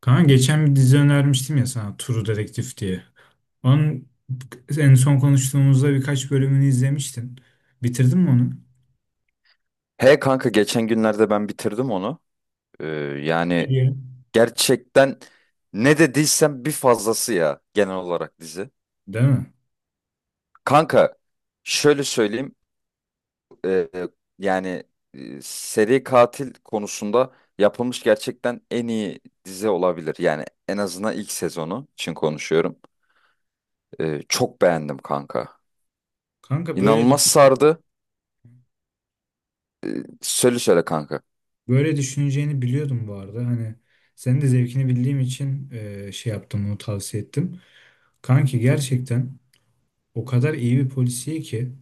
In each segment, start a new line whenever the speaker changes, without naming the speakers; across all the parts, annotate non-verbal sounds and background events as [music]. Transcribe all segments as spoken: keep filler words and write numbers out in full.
Kanka geçen bir dizi önermiştim ya sana True Detective diye. Onun en son konuştuğumuzda birkaç bölümünü izlemiştin. Bitirdin mi onu?
He kanka geçen günlerde ben bitirdim onu. Ee,
Ne
Yani
diyelim?
gerçekten ne dediysem bir fazlası ya genel olarak dizi.
Değil mi?
Kanka şöyle söyleyeyim ee, yani e, seri katil konusunda yapılmış gerçekten en iyi dizi olabilir. Yani en azından ilk sezonu için konuşuyorum. Ee, çok beğendim kanka.
Kanka böyle
İnanılmaz
düş-
sardı. Söyle söyle kanka.
böyle düşüneceğini biliyordum bu arada. Hani senin de zevkini bildiğim için e, şey yaptım, onu tavsiye ettim. Kanki gerçekten o kadar iyi bir polisiye ki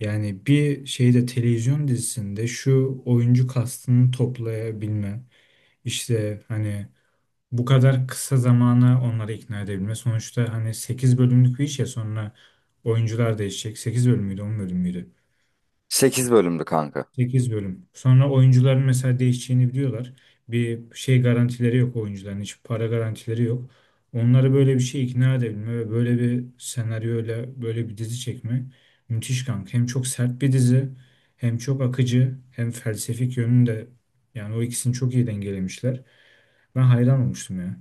yani bir şeyde, televizyon dizisinde şu oyuncu kastını toplayabilme, işte hani bu kadar kısa zamana onları ikna edebilme. Sonuçta hani sekiz bölümlük bir iş ya, sonra oyuncular değişecek. Sekiz bölüm müydü, on bölüm müydü?
Sekiz bölümdü kanka.
Sekiz bölüm. Sonra oyuncuların mesela değişeceğini biliyorlar. Bir şey garantileri yok oyuncuların. Hiç para garantileri yok. Onları böyle bir şey ikna edebilme ve böyle bir senaryoyla böyle bir dizi çekme müthiş kanka. Hem çok sert bir dizi, hem çok akıcı, hem felsefik yönünde, yani o ikisini çok iyi dengelemişler. Ben hayran olmuştum ya.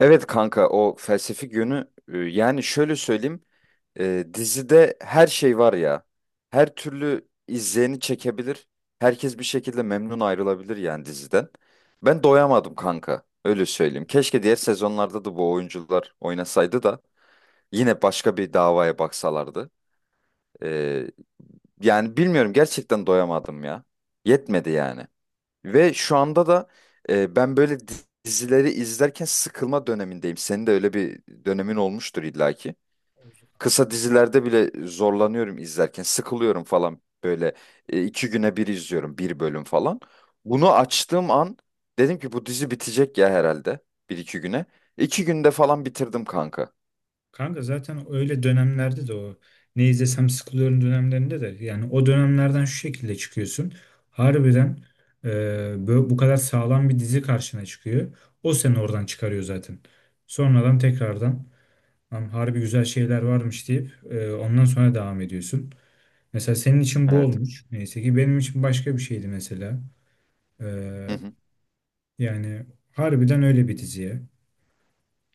Evet kanka o felsefik yönü e, yani şöyle söyleyeyim e, dizide her şey var ya, her türlü izleyeni çekebilir, herkes bir şekilde memnun ayrılabilir yani diziden. Ben doyamadım kanka, öyle söyleyeyim. Keşke diğer sezonlarda da bu oyuncular oynasaydı da yine başka bir davaya baksalardı. E, Yani bilmiyorum, gerçekten doyamadım ya, yetmedi yani. Ve şu anda da e, ben böyle di- dizileri izlerken sıkılma dönemindeyim. Senin de öyle bir dönemin olmuştur illaki. Kısa dizilerde bile zorlanıyorum izlerken. Sıkılıyorum falan böyle, e, iki güne bir izliyorum bir bölüm falan. Bunu açtığım an dedim ki bu dizi bitecek ya herhalde bir iki güne. İki günde falan bitirdim kanka.
Kanka zaten öyle dönemlerde de, o ne izlesem sıkılıyorum dönemlerinde de, yani o dönemlerden şu şekilde çıkıyorsun. Harbiden e, bö- bu kadar sağlam bir dizi karşına çıkıyor. O seni oradan çıkarıyor zaten. Sonradan tekrardan "Lan harbi güzel şeyler varmış" deyip e, ondan sonra devam ediyorsun. Mesela senin için bu
Evet.
olmuş. Neyse ki benim için başka bir şeydi mesela. E,
Hı hı.
Yani harbiden öyle bir diziye.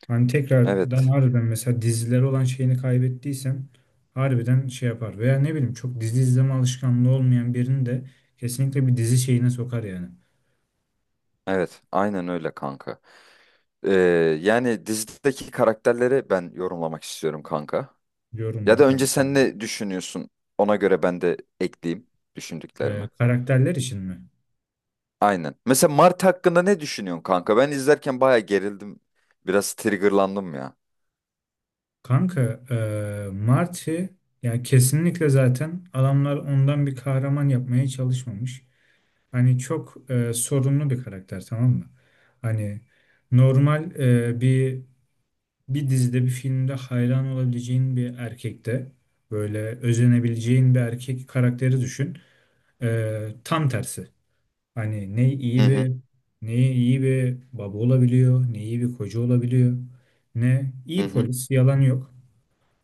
Hani tekrardan
Evet.
harbiden mesela diziler olan şeyini kaybettiysem, harbiden şey yapar. Veya ne bileyim, çok dizi izleme alışkanlığı olmayan birini de kesinlikle bir dizi şeyine sokar yani.
Evet. Aynen öyle kanka. Ee, Yani dizideki karakterleri ben yorumlamak istiyorum kanka. Ya da
Yorumla
önce sen
karakterleri.
ne düşünüyorsun? Ona göre ben de ekleyeyim
Ee,
düşündüklerimi.
karakterler için mi?
Aynen. Mesela Mart hakkında ne düşünüyorsun kanka? Ben izlerken bayağı gerildim. Biraz triggerlandım ya.
Kanka ee, Marty, yani kesinlikle zaten adamlar ondan bir kahraman yapmaya çalışmamış. Hani çok ee, sorunlu bir karakter, tamam mı? Hani normal ee, bir bir dizide, bir filmde hayran olabileceğin bir erkekte, böyle özenebileceğin bir erkek karakteri düşün. Ee, tam tersi. Hani ne
Hı
iyi
hı.
bir ne iyi bir baba olabiliyor, ne iyi bir koca olabiliyor, ne
Hı
iyi
hı.
polis, yalan yok.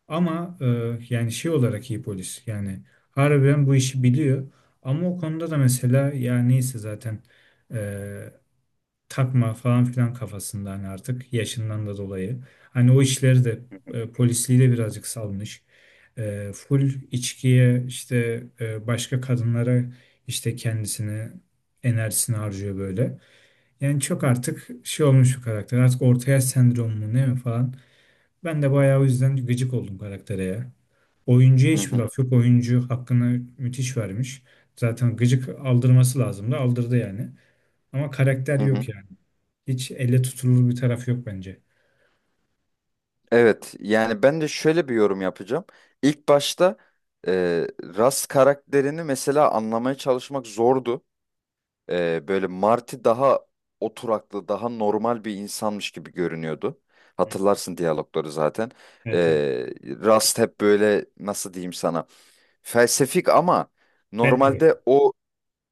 Ama e, yani şey olarak iyi polis. Yani harbiden bu işi biliyor. Ama o konuda da mesela, ya neyse zaten e, takma falan filan kafasında, hani artık yaşından da dolayı. Hani o işleri de,
Hı hı.
e, polisliği de birazcık salmış. E, full içkiye, işte e, başka kadınlara, işte kendisini, enerjisini harcıyor böyle. Yani çok artık şey olmuş bu karakter. Artık orta yaş sendromu mu ne mi falan. Ben de bayağı o yüzden gıcık oldum karaktere ya. Oyuncuya
Hı
hiçbir
hı,
laf yok. Oyuncu hakkını müthiş vermiş. Zaten gıcık aldırması lazımdı. Aldırdı yani. Ama karakter
hı hı.
yok ya. Hiç elle tutulur bir tarafı yok bence.
Evet, yani ben de şöyle bir yorum yapacağım. İlk başta e, Ras karakterini mesela anlamaya çalışmak zordu. Ee, böyle Marty daha oturaklı, daha normal bir insanmış gibi görünüyordu. Hatırlarsın diyalogları zaten.
Evet, evet.
Ee, Rust hep böyle, nasıl diyeyim sana? Felsefik, ama
Bad Boy.
normalde o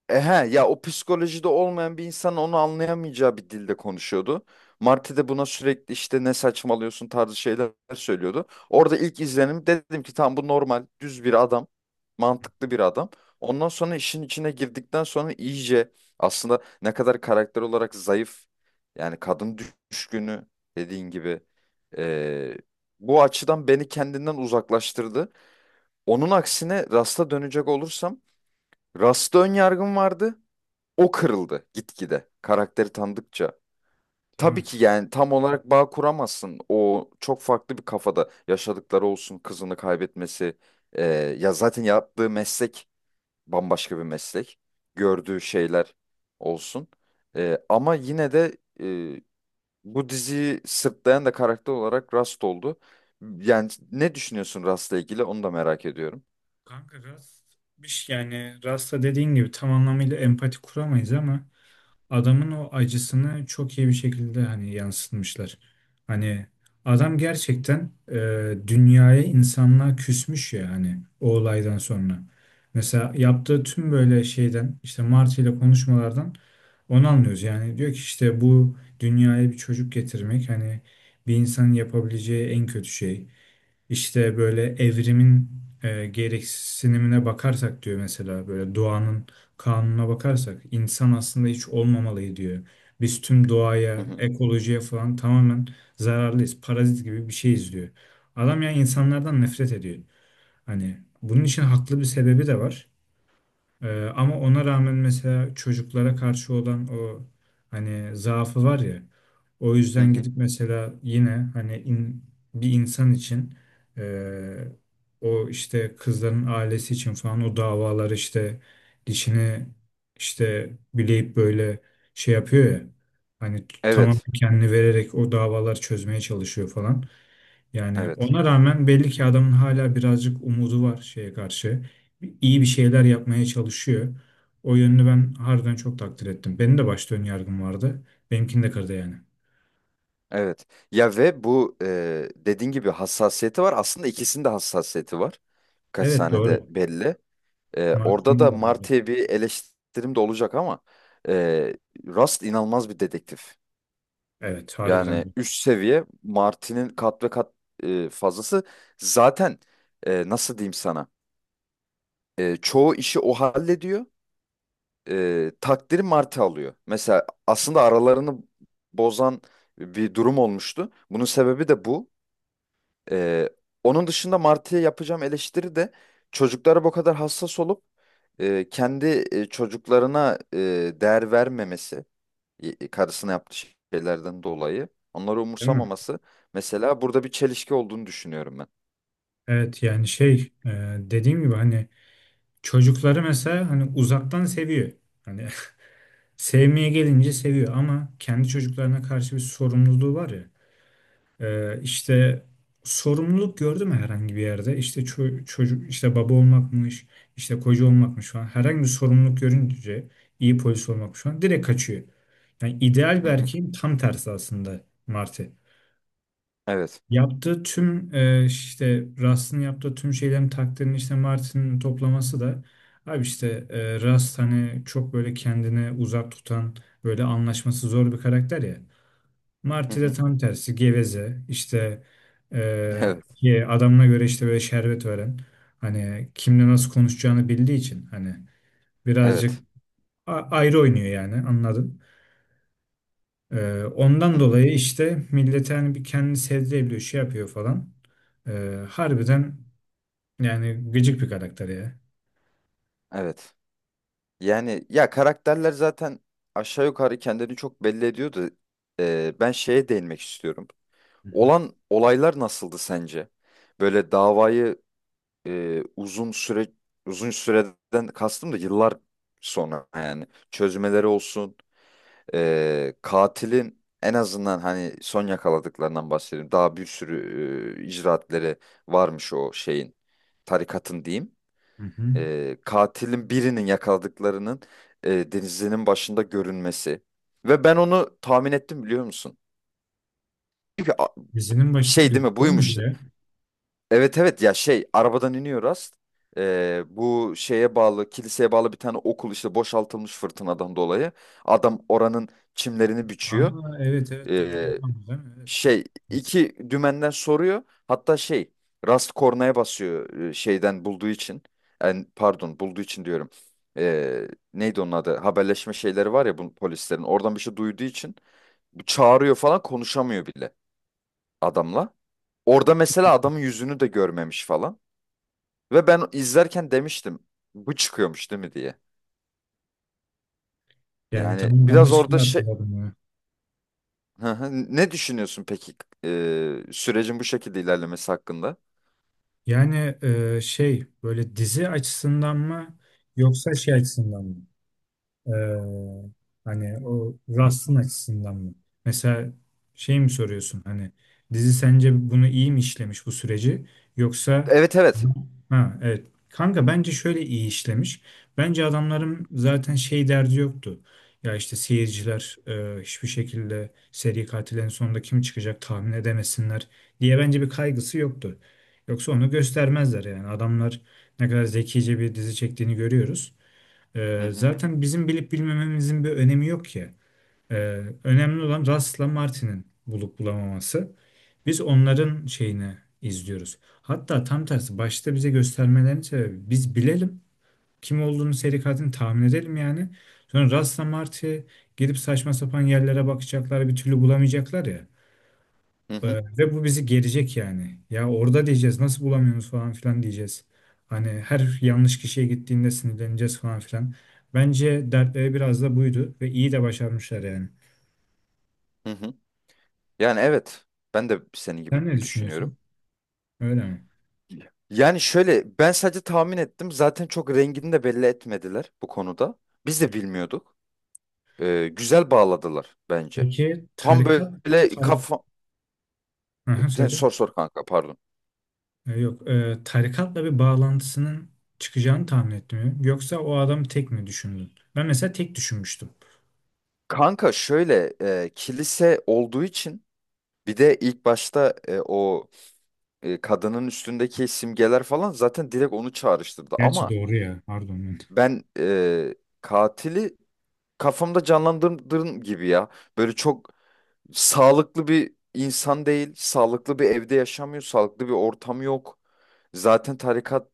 e he, ya o psikolojide olmayan bir insan onu anlayamayacağı bir dilde konuşuyordu. Marty de buna sürekli işte ne saçmalıyorsun tarzı şeyler söylüyordu. Orada ilk izlenim dedim ki tamam, bu normal düz bir adam. Mantıklı bir adam. Ondan sonra işin içine girdikten sonra iyice aslında ne kadar karakter olarak zayıf, yani kadın düşkünü, dediğin gibi, e, bu açıdan beni kendinden uzaklaştırdı. Onun aksine Rast'a dönecek olursam, Rast'a ön yargım vardı, o kırıldı gitgide karakteri tanıdıkça.
Değil
Tabii
mi?
ki yani tam olarak bağ kuramazsın. O çok farklı bir kafada, yaşadıkları olsun, kızını kaybetmesi. Ee, Ya zaten yaptığı meslek bambaşka bir meslek. Gördüğü şeyler olsun. Ee, ama yine de e, bu diziyi sırtlayan da karakter olarak Rust oldu. Yani ne düşünüyorsun Rust'la ilgili, onu da merak ediyorum.
Kanka Rust bir şey, yani Rust'a dediğin gibi tam anlamıyla empati kuramayız ama adamın o acısını çok iyi bir şekilde hani yansıtmışlar. Hani adam gerçekten e, dünyaya, insanlığa küsmüş ya hani o olaydan sonra. Mesela yaptığı tüm böyle şeyden, işte Marty ile konuşmalardan onu anlıyoruz. Yani diyor ki işte bu dünyaya bir çocuk getirmek hani bir insanın yapabileceği en kötü şey. İşte böyle evrimin e, gereksinimine bakarsak, diyor, mesela böyle doğanın kanununa bakarsak insan aslında hiç olmamalı diyor. Biz tüm
Hı
doğaya,
hı.
ekolojiye falan tamamen zararlıyız. Parazit gibi bir şeyiz diyor. Adam ya insanlardan nefret ediyor. Hani bunun için haklı bir sebebi de var. Ee, ama ona rağmen mesela çocuklara karşı olan o, hani zaafı var ya. O
Hı
yüzden
hı.
gidip mesela, yine hani in- bir insan için e, o işte kızların ailesi için falan o davalar, işte dişini işte bileyip böyle şey yapıyor ya. Hani t- tamamen
Evet.
kendini vererek o davalar çözmeye çalışıyor falan. Yani
Evet.
ona rağmen belli ki adamın hala birazcık umudu var şeye karşı. İyi bir şeyler yapmaya çalışıyor. O yönünü ben harbiden çok takdir ettim. Benim de başta ön yargım vardı. Benimkini de kırdı yani.
Evet. Ya ve bu, e, dediğin gibi, hassasiyeti var. Aslında ikisinin de hassasiyeti var. Kaç
Evet,
sahnede
doğru.
belli. E, orada
Martin'in
da
de anladı.
Marty'ye bir eleştirim de olacak, ama e, Rust inanılmaz bir dedektif.
Evet, harbiden
Yani
de.
üst seviye, Marty'nin kat ve kat e, fazlası. Zaten, e, nasıl diyeyim sana? E, çoğu işi o hallediyor. E, takdiri Marty alıyor. Mesela aslında aralarını bozan bir durum olmuştu. Bunun sebebi de bu. Ee, Onun dışında Martı'ya yapacağım eleştiri de çocuklara bu kadar hassas olup e, kendi e, çocuklarına e, değer vermemesi, e, karısına yaptığı şeylerden dolayı onları
Değil mi?
umursamaması, mesela burada bir çelişki olduğunu düşünüyorum ben.
Evet, yani şey e, dediğim gibi hani çocukları mesela hani uzaktan seviyor. Hani [laughs] sevmeye gelince seviyor ama kendi çocuklarına karşı bir sorumluluğu var ya. Ee, işte sorumluluk gördü mü herhangi bir yerde? İşte ço- çocuk, işte baba olmakmış, işte koca olmakmış falan. Herhangi bir sorumluluk görünce, iyi polis olmakmış falan, direkt kaçıyor. Yani ideal bir
Hı hı.
erkeğin tam tersi aslında Marty.
Evet.
Yaptığı tüm e, işte Rust'ın yaptığı tüm şeylerin takdirini işte Martin'in toplaması da, abi işte e, Rust hani çok böyle kendini uzak tutan, böyle anlaşması zor bir karakter ya.
Hı
Marti de
hı.
tam tersi, geveze, işte eee,
[laughs] Evet.
ki adamına göre işte böyle şerbet veren, hani kimle nasıl konuşacağını bildiği için hani birazcık
Evet.
a- ayrı oynuyor yani, anladın. Eee,
Hı
ondan
hı.
dolayı işte millete hani bir kendini sevdirebiliyor, şey yapıyor falan. Eee, harbiden yani gıcık bir karakter ya.
Evet. Yani ya, karakterler zaten aşağı yukarı kendini çok belli ediyordu. Ee, ben şeye değinmek istiyorum.
Hı hı.
Olan olaylar nasıldı sence? Böyle davayı e, uzun süre uzun süreden kastım da yıllar sonra yani çözmeleri olsun, e, katilin en azından, hani son yakaladıklarından bahsedeyim, daha bir sürü e, icraatleri varmış o şeyin, tarikatın diyeyim.
Hı hı.
E, katilin birinin yakaladıklarının e, denizinin başında görünmesi, ve ben onu tahmin ettim, biliyor musun? Çünkü a-
Dizinin başında
şey, değil mi,
gözüküyor muydu
buymuş.
ya?
Evet evet, ya şey, arabadan iniyor Rast. Ee, bu şeye bağlı, kiliseye bağlı bir tane okul işte boşaltılmış fırtınadan dolayı. Adam oranın çimlerini biçiyor.
Aa, evet, evet, doğru.
Ee,
Tamam, değil mi? Evet.
Şey, iki dümenden soruyor. Hatta şey, Rast kornaya basıyor e, şeyden bulduğu için. Yani pardon, bulduğu için diyorum. Ee, Neydi onun adı? Haberleşme şeyleri var ya bu polislerin. Oradan bir şey duyduğu için bu çağırıyor falan, konuşamıyor bile adamla. Orada mesela adamın yüzünü de görmemiş falan. Ve ben izlerken demiştim bu çıkıyormuş değil mi diye.
Yani
Yani
tamam, ben de
biraz
şimdi
orada şey.
hatırladım ya.
[laughs] Hı hı. Ne düşünüyorsun peki e, sürecin bu şekilde ilerlemesi hakkında?
Yani e, şey, böyle dizi açısından mı yoksa şey açısından mı? Ee, Hani o Rust'ın açısından mı? Mesela şey mi soruyorsun, hani dizi sence bunu iyi mi işlemiş bu süreci, yoksa
Evet evet.
ha evet kanka bence şöyle iyi işlemiş. Bence adamların zaten şey derdi yoktu. Ya işte seyirciler e, hiçbir şekilde seri katillerin sonunda kim çıkacak tahmin edemesinler diye, bence bir kaygısı yoktu. Yoksa onu göstermezler yani, adamlar ne kadar zekice bir dizi çektiğini görüyoruz.
Hı
Ee,
hı.
zaten bizim bilip bilmememizin bir önemi yok ki. Ee, Önemli olan Russ'la Martin'in bulup bulamaması. Biz onların şeyini izliyoruz. Hatta tam tersi, başta bize göstermelerinin sebebi biz bilelim kim olduğunu, seri katilini tahmin edelim yani. Sonra Russ'la Marty gidip saçma sapan yerlere bakacaklar, bir türlü bulamayacaklar ya.
Hı
Ee,
hı.
Ve bu bizi gerecek yani. Ya orada diyeceğiz nasıl bulamıyoruz falan filan diyeceğiz. Hani her yanlış kişiye gittiğinde sinirleneceğiz falan filan. Bence dertleri biraz da buydu, ve iyi de başarmışlar yani.
Hı hı. Yani evet, ben de senin gibi
Sen ne
düşünüyorum.
düşünüyorsun? Öyle mi?
Yani şöyle, ben sadece tahmin ettim, zaten çok rengini de belli etmediler bu konuda. Biz de bilmiyorduk. E, güzel bağladılar bence.
Peki
Tam
tarikat
böyle
tarik
kafa...
Aha,
Yani
söyle.
sor sor kanka, pardon.
Ee, yok, ee, tarikatla bir bağlantısının çıkacağını tahmin etmiyorum. Yoksa o adam tek mi düşündün? Ben mesela tek düşünmüştüm.
Kanka şöyle, e, kilise olduğu için, bir de ilk başta e, o e, kadının üstündeki simgeler falan zaten direkt onu çağrıştırdı.
Gerçi
Ama
doğru ya, pardon ben.
ben e, katili kafamda canlandırdığım gibi ya. Böyle çok sağlıklı bir insan değil, sağlıklı bir evde yaşamıyor, sağlıklı bir ortam yok. Zaten tarikat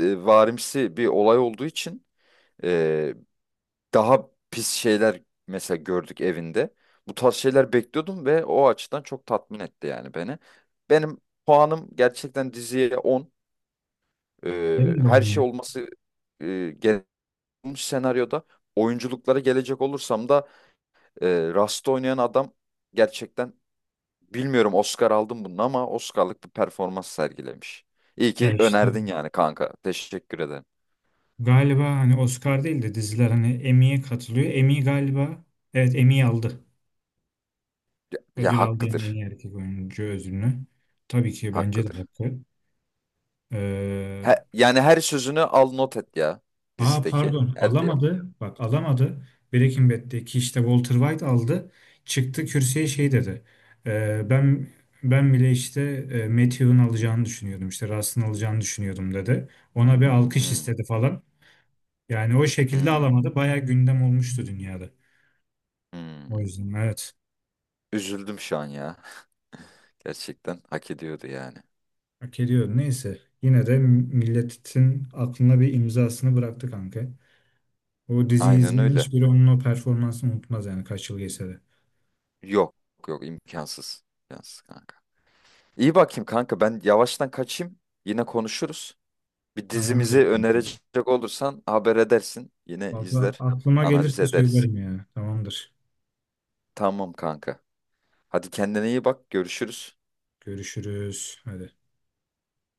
e, varimsi bir olay olduğu için, daha pis şeyler mesela gördük evinde. Bu tarz şeyler bekliyordum ve o açıdan çok tatmin etti yani beni. Benim puanım gerçekten diziye on. Ee,
Benim de
her
onu
şey
ya.
olması e, gel- olmuş senaryoda. Oyunculuklara gelecek olursam da, e, Rust'ta oynayan adam gerçekten, bilmiyorum Oscar aldım bunun ama, Oscar'lık bir performans sergilemiş. İyi
Ya
ki
işte.
önerdin yani kanka. Teşekkür ederim.
Galiba hani Oscar değil de diziler hani Emmy'ye katılıyor. Emmy galiba, evet, Emmy aldı.
Ya, ya
Ödül aldı en
hakkıdır.
iyi erkek oyuncu ödülünü. Tabii ki bence de
Hakkıdır.
hakkı. Ee,
He, yani her sözünü al not et ya
Aa
dizideki.
pardon,
Her diyalog.
alamadı. Bak, alamadı. Breaking Bad'deki işte Walter White aldı. Çıktı kürsüye, şey dedi. Ee, ben Ben bile işte e, Matthew'un alacağını düşünüyordum, İşte Rust'ın alacağını düşünüyordum dedi. Ona bir alkış
Hmm,
istedi falan. Yani o şekilde
hmm,
alamadı. Bayağı gündem olmuştu dünyada. O
hmm.
yüzden, evet.
Üzüldüm şu an ya. [laughs] Gerçekten hak ediyordu yani.
Hak ediyor. Neyse. Yine de milletin aklına bir imzasını bıraktı kanka. O diziyi
Aynen
izleyen
öyle.
hiçbiri onun o performansını unutmaz yani, kaç yıl geçse de.
Yok yok, imkansız. İmkansız kanka. İyi, bakayım kanka, ben yavaştan kaçayım. Yine konuşuruz. Bir
Tamamdır
dizimizi
kanka.
önerecek olursan haber edersin. Yine
Valla
izler,
aklıma
analiz
gelirse
ederiz.
söylerim ya. Tamamdır.
Tamam kanka. Hadi, kendine iyi bak. Görüşürüz.
Görüşürüz. Hadi.